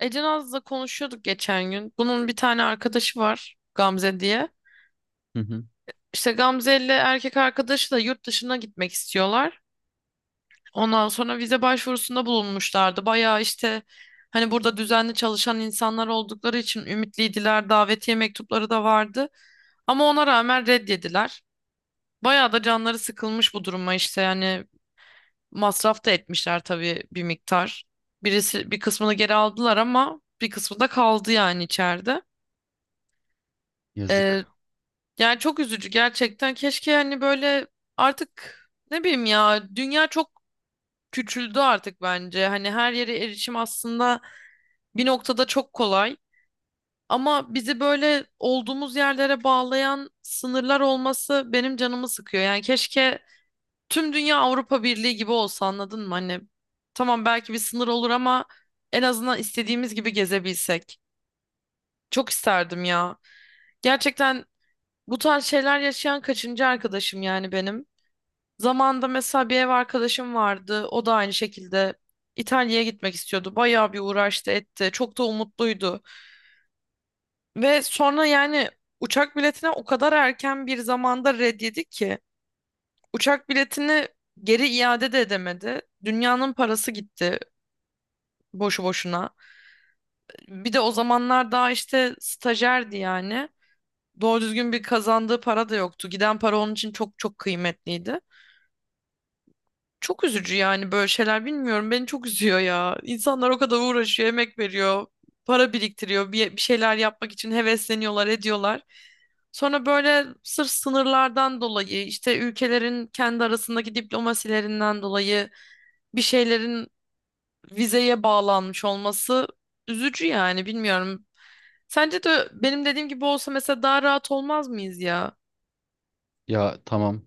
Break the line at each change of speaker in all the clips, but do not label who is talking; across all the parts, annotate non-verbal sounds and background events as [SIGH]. Ece Naz'la konuşuyorduk geçen gün. Bunun bir tane arkadaşı var Gamze diye.
Hı hı.
İşte Gamze ile erkek arkadaşı da yurt dışına gitmek istiyorlar. Ondan sonra vize başvurusunda bulunmuşlardı. Bayağı işte hani burada düzenli çalışan insanlar oldukları için ümitliydiler. Davetiye mektupları da vardı. Ama ona rağmen reddediler. Bayağı da canları sıkılmış bu duruma işte yani masraf da etmişler tabii bir miktar. Birisi bir kısmını geri aldılar ama bir kısmı da kaldı yani içeride. Ee,
Yazık.
Yani çok üzücü gerçekten. Keşke hani böyle artık ne bileyim ya dünya çok küçüldü artık bence. Hani her yere erişim aslında bir noktada çok kolay. Ama bizi böyle olduğumuz yerlere bağlayan sınırlar olması benim canımı sıkıyor. Yani keşke tüm dünya Avrupa Birliği gibi olsa anladın mı? Hani tamam belki bir sınır olur ama en azından istediğimiz gibi gezebilsek. Çok isterdim ya. Gerçekten bu tarz şeyler yaşayan kaçıncı arkadaşım yani benim. Zamanında mesela bir ev arkadaşım vardı. O da aynı şekilde İtalya'ya gitmek istiyordu. Bayağı bir uğraştı etti. Çok da umutluydu. Ve sonra yani uçak biletine o kadar erken bir zamanda red ki. Uçak biletini geri iade de edemedi. Dünyanın parası gitti boşu boşuna. Bir de o zamanlar daha işte stajyerdi yani. Doğru düzgün bir kazandığı para da yoktu. Giden para onun için çok çok kıymetliydi. Çok üzücü yani böyle şeyler bilmiyorum. Beni çok üzüyor ya. İnsanlar o kadar uğraşıyor, emek veriyor, para biriktiriyor, bir şeyler yapmak için hevesleniyorlar, ediyorlar. Sonra böyle sırf sınırlardan dolayı, işte ülkelerin kendi arasındaki diplomasilerinden dolayı bir şeylerin vizeye bağlanmış olması üzücü yani bilmiyorum. Sence de benim dediğim gibi olsa mesela daha rahat olmaz mıyız ya?
Ya tamam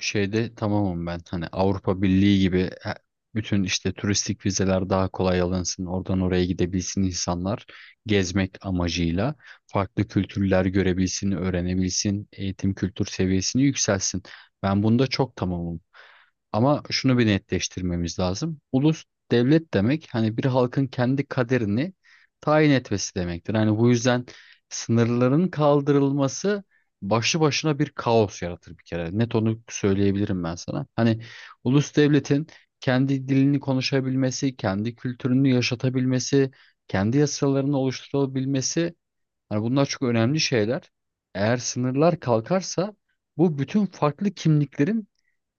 şeyde tamamım ben. Hani Avrupa Birliği gibi bütün işte turistik vizeler daha kolay alınsın. Oradan oraya gidebilsin insanlar. Gezmek amacıyla farklı kültürler görebilsin, öğrenebilsin, eğitim kültür seviyesini yükselsin. Ben bunda çok tamamım. Ama şunu bir netleştirmemiz lazım. Ulus devlet demek hani bir halkın kendi kaderini tayin etmesi demektir. Hani bu yüzden sınırların kaldırılması başlı başına bir kaos yaratır bir kere. Net onu söyleyebilirim ben sana. Hani ulus devletin kendi dilini konuşabilmesi, kendi kültürünü yaşatabilmesi, kendi yasalarını oluşturabilmesi. Hani bunlar çok önemli şeyler. Eğer sınırlar kalkarsa bu bütün farklı kimliklerin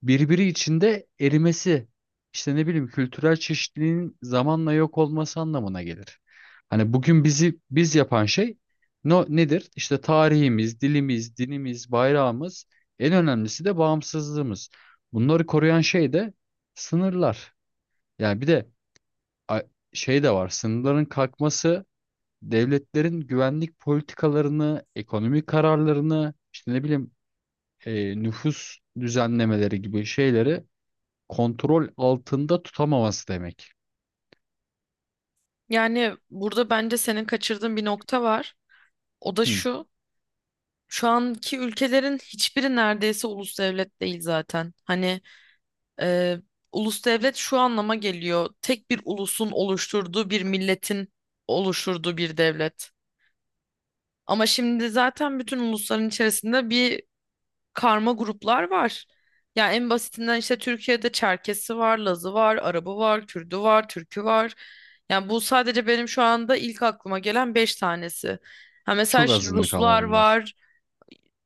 birbiri içinde erimesi, işte ne bileyim kültürel çeşitliliğin zamanla yok olması anlamına gelir. Hani bugün bizi biz yapan şey no, nedir? İşte tarihimiz, dilimiz, dinimiz, bayrağımız, en önemlisi de bağımsızlığımız. Bunları koruyan şey de sınırlar. Yani bir de a- şey de var. Sınırların kalkması devletlerin güvenlik politikalarını, ekonomik kararlarını, işte ne bileyim nüfus düzenlemeleri gibi şeyleri kontrol altında tutamaması demek.
Yani burada bence senin kaçırdığın bir nokta var. O da
Hı,
şu. Şu anki ülkelerin hiçbiri neredeyse ulus devlet değil zaten. Hani e, ulus devlet şu anlama geliyor. Tek bir ulusun oluşturduğu bir milletin oluşturduğu bir devlet. Ama şimdi zaten bütün ulusların içerisinde bir karma gruplar var. Yani en basitinden işte Türkiye'de Çerkesi var, Lazı var, Arabı var, Kürdü var, Türkü var. Yani bu sadece benim şu anda ilk aklıma gelen beş tanesi. Ha mesela
çok
şimdi
azınlık ama
Ruslar
bunlar.
var.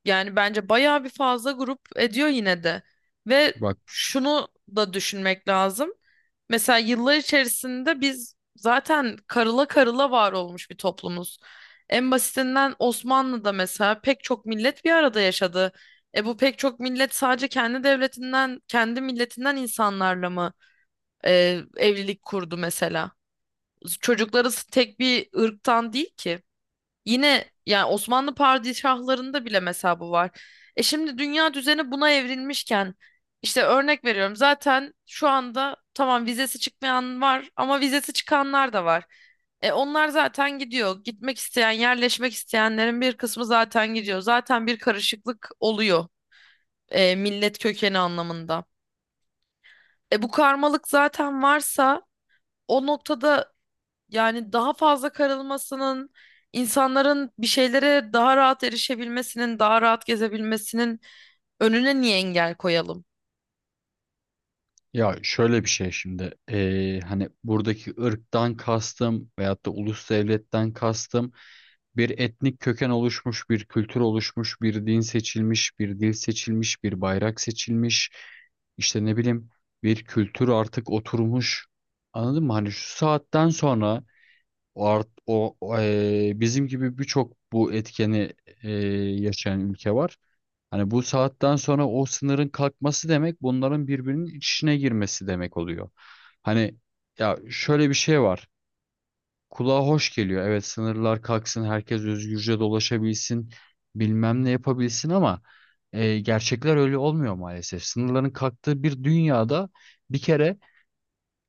Yani bence bayağı bir fazla grup ediyor yine de. Ve
Bak,
şunu da düşünmek lazım. Mesela yıllar içerisinde biz zaten karıla karıla var olmuş bir toplumuz. En basitinden Osmanlı'da mesela pek çok millet bir arada yaşadı. E bu pek çok millet sadece kendi devletinden, kendi milletinden insanlarla mı evlilik kurdu mesela? Çocukları tek bir ırktan değil ki. Yine yani Osmanlı padişahlarında bile mesela bu var. E şimdi dünya düzeni buna evrilmişken işte örnek veriyorum zaten şu anda tamam vizesi çıkmayan var ama vizesi çıkanlar da var. E onlar zaten gidiyor. Gitmek isteyen, yerleşmek isteyenlerin bir kısmı zaten gidiyor. Zaten bir karışıklık oluyor millet kökeni anlamında. E bu karmalık zaten varsa o noktada yani daha fazla karılmasının, insanların bir şeylere daha rahat erişebilmesinin, daha rahat gezebilmesinin önüne niye engel koyalım?
ya şöyle bir şey şimdi hani buradaki ırktan kastım veyahut da ulus devletten kastım. Bir etnik köken oluşmuş, bir kültür oluşmuş, bir din seçilmiş, bir dil seçilmiş, bir bayrak seçilmiş. İşte ne bileyim bir kültür artık oturmuş. Anladın mı? Hani şu saatten sonra o, art, o o, bizim gibi birçok bu etkeni eee, yaşayan ülke var. Hani bu saatten sonra o sınırın kalkması demek bunların birbirinin içine girmesi demek oluyor. Hani ya şöyle bir şey var. Kulağa hoş geliyor. Evet, sınırlar kalksın, herkes özgürce dolaşabilsin, bilmem ne yapabilsin ama gerçekler öyle olmuyor maalesef. Sınırların kalktığı bir dünyada bir kere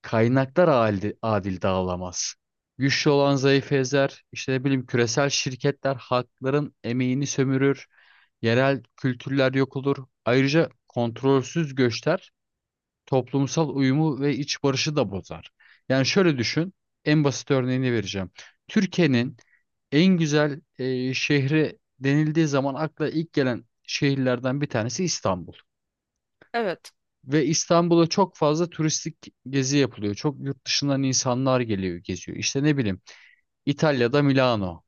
kaynaklar adil dağılamaz. Güçlü olan zayıf ezer, işte ne bileyim küresel şirketler halkların emeğini sömürür, yerel kültürler yok olur. Ayrıca kontrolsüz göçler toplumsal uyumu ve iç barışı da bozar. Yani şöyle düşün, en basit örneğini vereceğim. Türkiye'nin en güzel şehri denildiği zaman akla ilk gelen şehirlerden bir tanesi İstanbul.
Evet.
Ve İstanbul'a çok fazla turistik gezi yapılıyor. Çok yurt dışından insanlar geliyor, geziyor. İşte ne bileyim, İtalya'da Milano,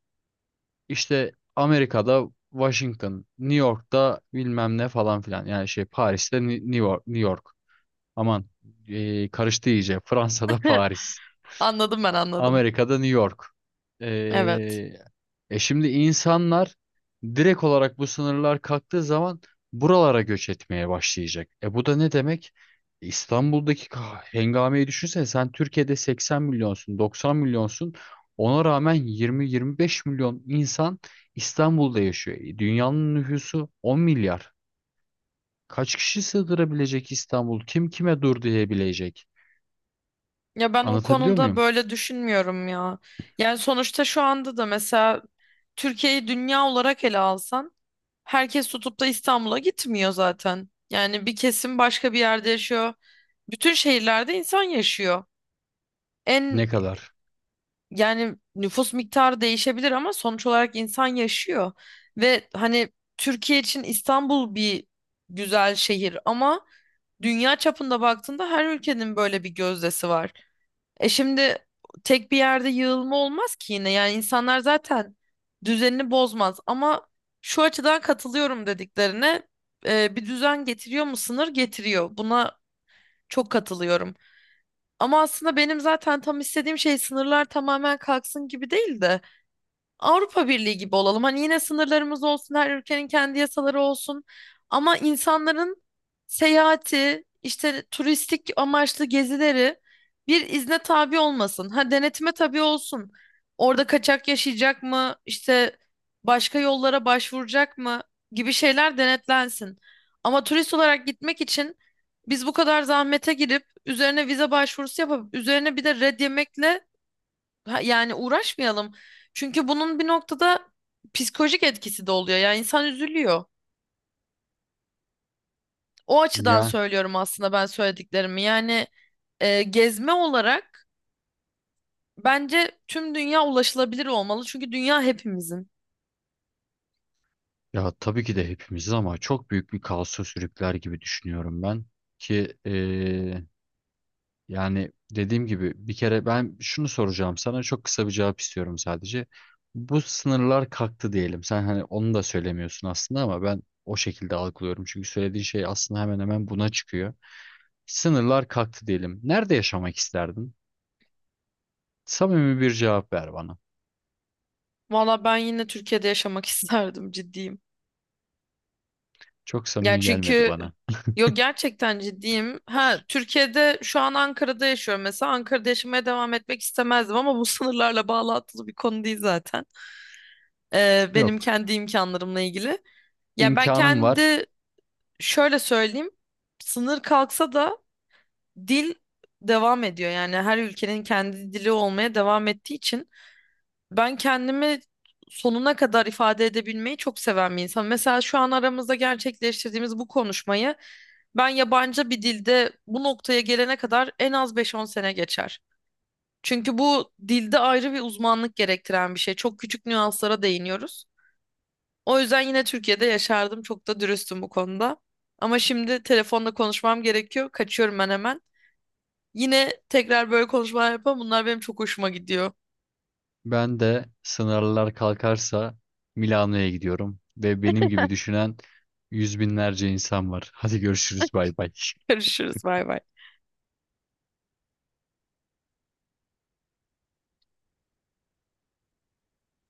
işte Amerika'da Washington, New York'ta bilmem ne falan filan. Yani şey Paris'te New York, New York. Aman, karıştı iyice. [LAUGHS] Fransa'da
[LAUGHS]
Paris.
Anladım ben anladım.
Amerika'da New York. E,
Evet.
şimdi insanlar direkt olarak bu sınırlar kalktığı zaman buralara göç etmeye başlayacak. E bu da ne demek? İstanbul'daki hengameyi düşünsene sen. Türkiye'de 80 milyonsun, 90 milyonsun. Ona rağmen 20-25 milyon insan İstanbul'da yaşıyor. Dünyanın nüfusu 10 milyar. Kaç kişi sığdırabilecek İstanbul? Kim kime dur diyebilecek?
Ya ben o
Anlatabiliyor
konuda
muyum?
böyle düşünmüyorum ya. Yani sonuçta şu anda da mesela Türkiye'yi dünya olarak ele alsan herkes tutup da İstanbul'a gitmiyor zaten. Yani bir kesim başka bir yerde yaşıyor. Bütün şehirlerde insan yaşıyor. En
Ne kadar?
Yani nüfus miktarı değişebilir ama sonuç olarak insan yaşıyor. Ve hani Türkiye için İstanbul bir güzel şehir ama dünya çapında baktığında her ülkenin böyle bir gözdesi var. E şimdi tek bir yerde yığılma olmaz ki yine. Yani insanlar zaten düzenini bozmaz ama şu açıdan katılıyorum dediklerine bir düzen getiriyor mu? Sınır getiriyor. Buna çok katılıyorum. Ama aslında benim zaten tam istediğim şey sınırlar tamamen kalksın gibi değil de Avrupa Birliği gibi olalım. Hani yine sınırlarımız olsun, her ülkenin kendi yasaları olsun. Ama insanların seyahati, işte turistik amaçlı gezileri bir izne tabi olmasın. Ha denetime tabi olsun. Orada kaçak yaşayacak mı, işte başka yollara başvuracak mı gibi şeyler denetlensin. Ama turist olarak gitmek için biz bu kadar zahmete girip üzerine vize başvurusu yapıp üzerine bir de red yemekle ha, yani uğraşmayalım. Çünkü bunun bir noktada psikolojik etkisi de oluyor. Yani insan üzülüyor. O açıdan
Ya
söylüyorum aslında ben söylediklerimi. Yani gezme olarak bence tüm dünya ulaşılabilir olmalı. Çünkü dünya hepimizin.
ya, tabii ki de hepimizi ama çok büyük bir kaosa sürükler gibi düşünüyorum ben ki yani dediğim gibi bir kere ben şunu soracağım sana. Çok kısa bir cevap istiyorum sadece. Bu sınırlar kalktı diyelim. Sen hani onu da söylemiyorsun aslında ama ben o şekilde algılıyorum. Çünkü söylediğin şey aslında hemen hemen buna çıkıyor. Sınırlar kalktı diyelim. Nerede yaşamak isterdin? Samimi bir cevap ver bana.
Valla ben yine Türkiye'de yaşamak [LAUGHS] isterdim, ciddiyim.
Çok
Yani
samimi gelmedi
çünkü
bana.
yok, gerçekten ciddiyim. Ha, Türkiye'de şu an Ankara'da yaşıyorum mesela. Ankara'da yaşamaya devam etmek istemezdim ama bu [LAUGHS] sınırlarla bağlantılı bir konu değil zaten. E, benim
Yok,
kendi imkanlarımla ilgili. Ya ben
imkanım var.
kendi şöyle söyleyeyim. Sınır kalksa da dil devam ediyor. Yani her ülkenin kendi dili olmaya devam ettiği için ben kendimi sonuna kadar ifade edebilmeyi çok seven bir insan. Mesela şu an aramızda gerçekleştirdiğimiz bu konuşmayı ben yabancı bir dilde bu noktaya gelene kadar en az beş on sene geçer. Çünkü bu dilde ayrı bir uzmanlık gerektiren bir şey. Çok küçük nüanslara değiniyoruz. O yüzden yine Türkiye'de yaşardım. Çok da dürüstüm bu konuda. Ama şimdi telefonla konuşmam gerekiyor. Kaçıyorum ben hemen. Yine tekrar böyle konuşmalar yapalım. Bunlar benim çok hoşuma gidiyor.
Ben de sınırlar kalkarsa Milano'ya gidiyorum ve benim gibi düşünen yüz binlerce insan var. Hadi, görüşürüz, bay bay.
[LAUGHS]
[LAUGHS]
Görüşürüz. Bay bay.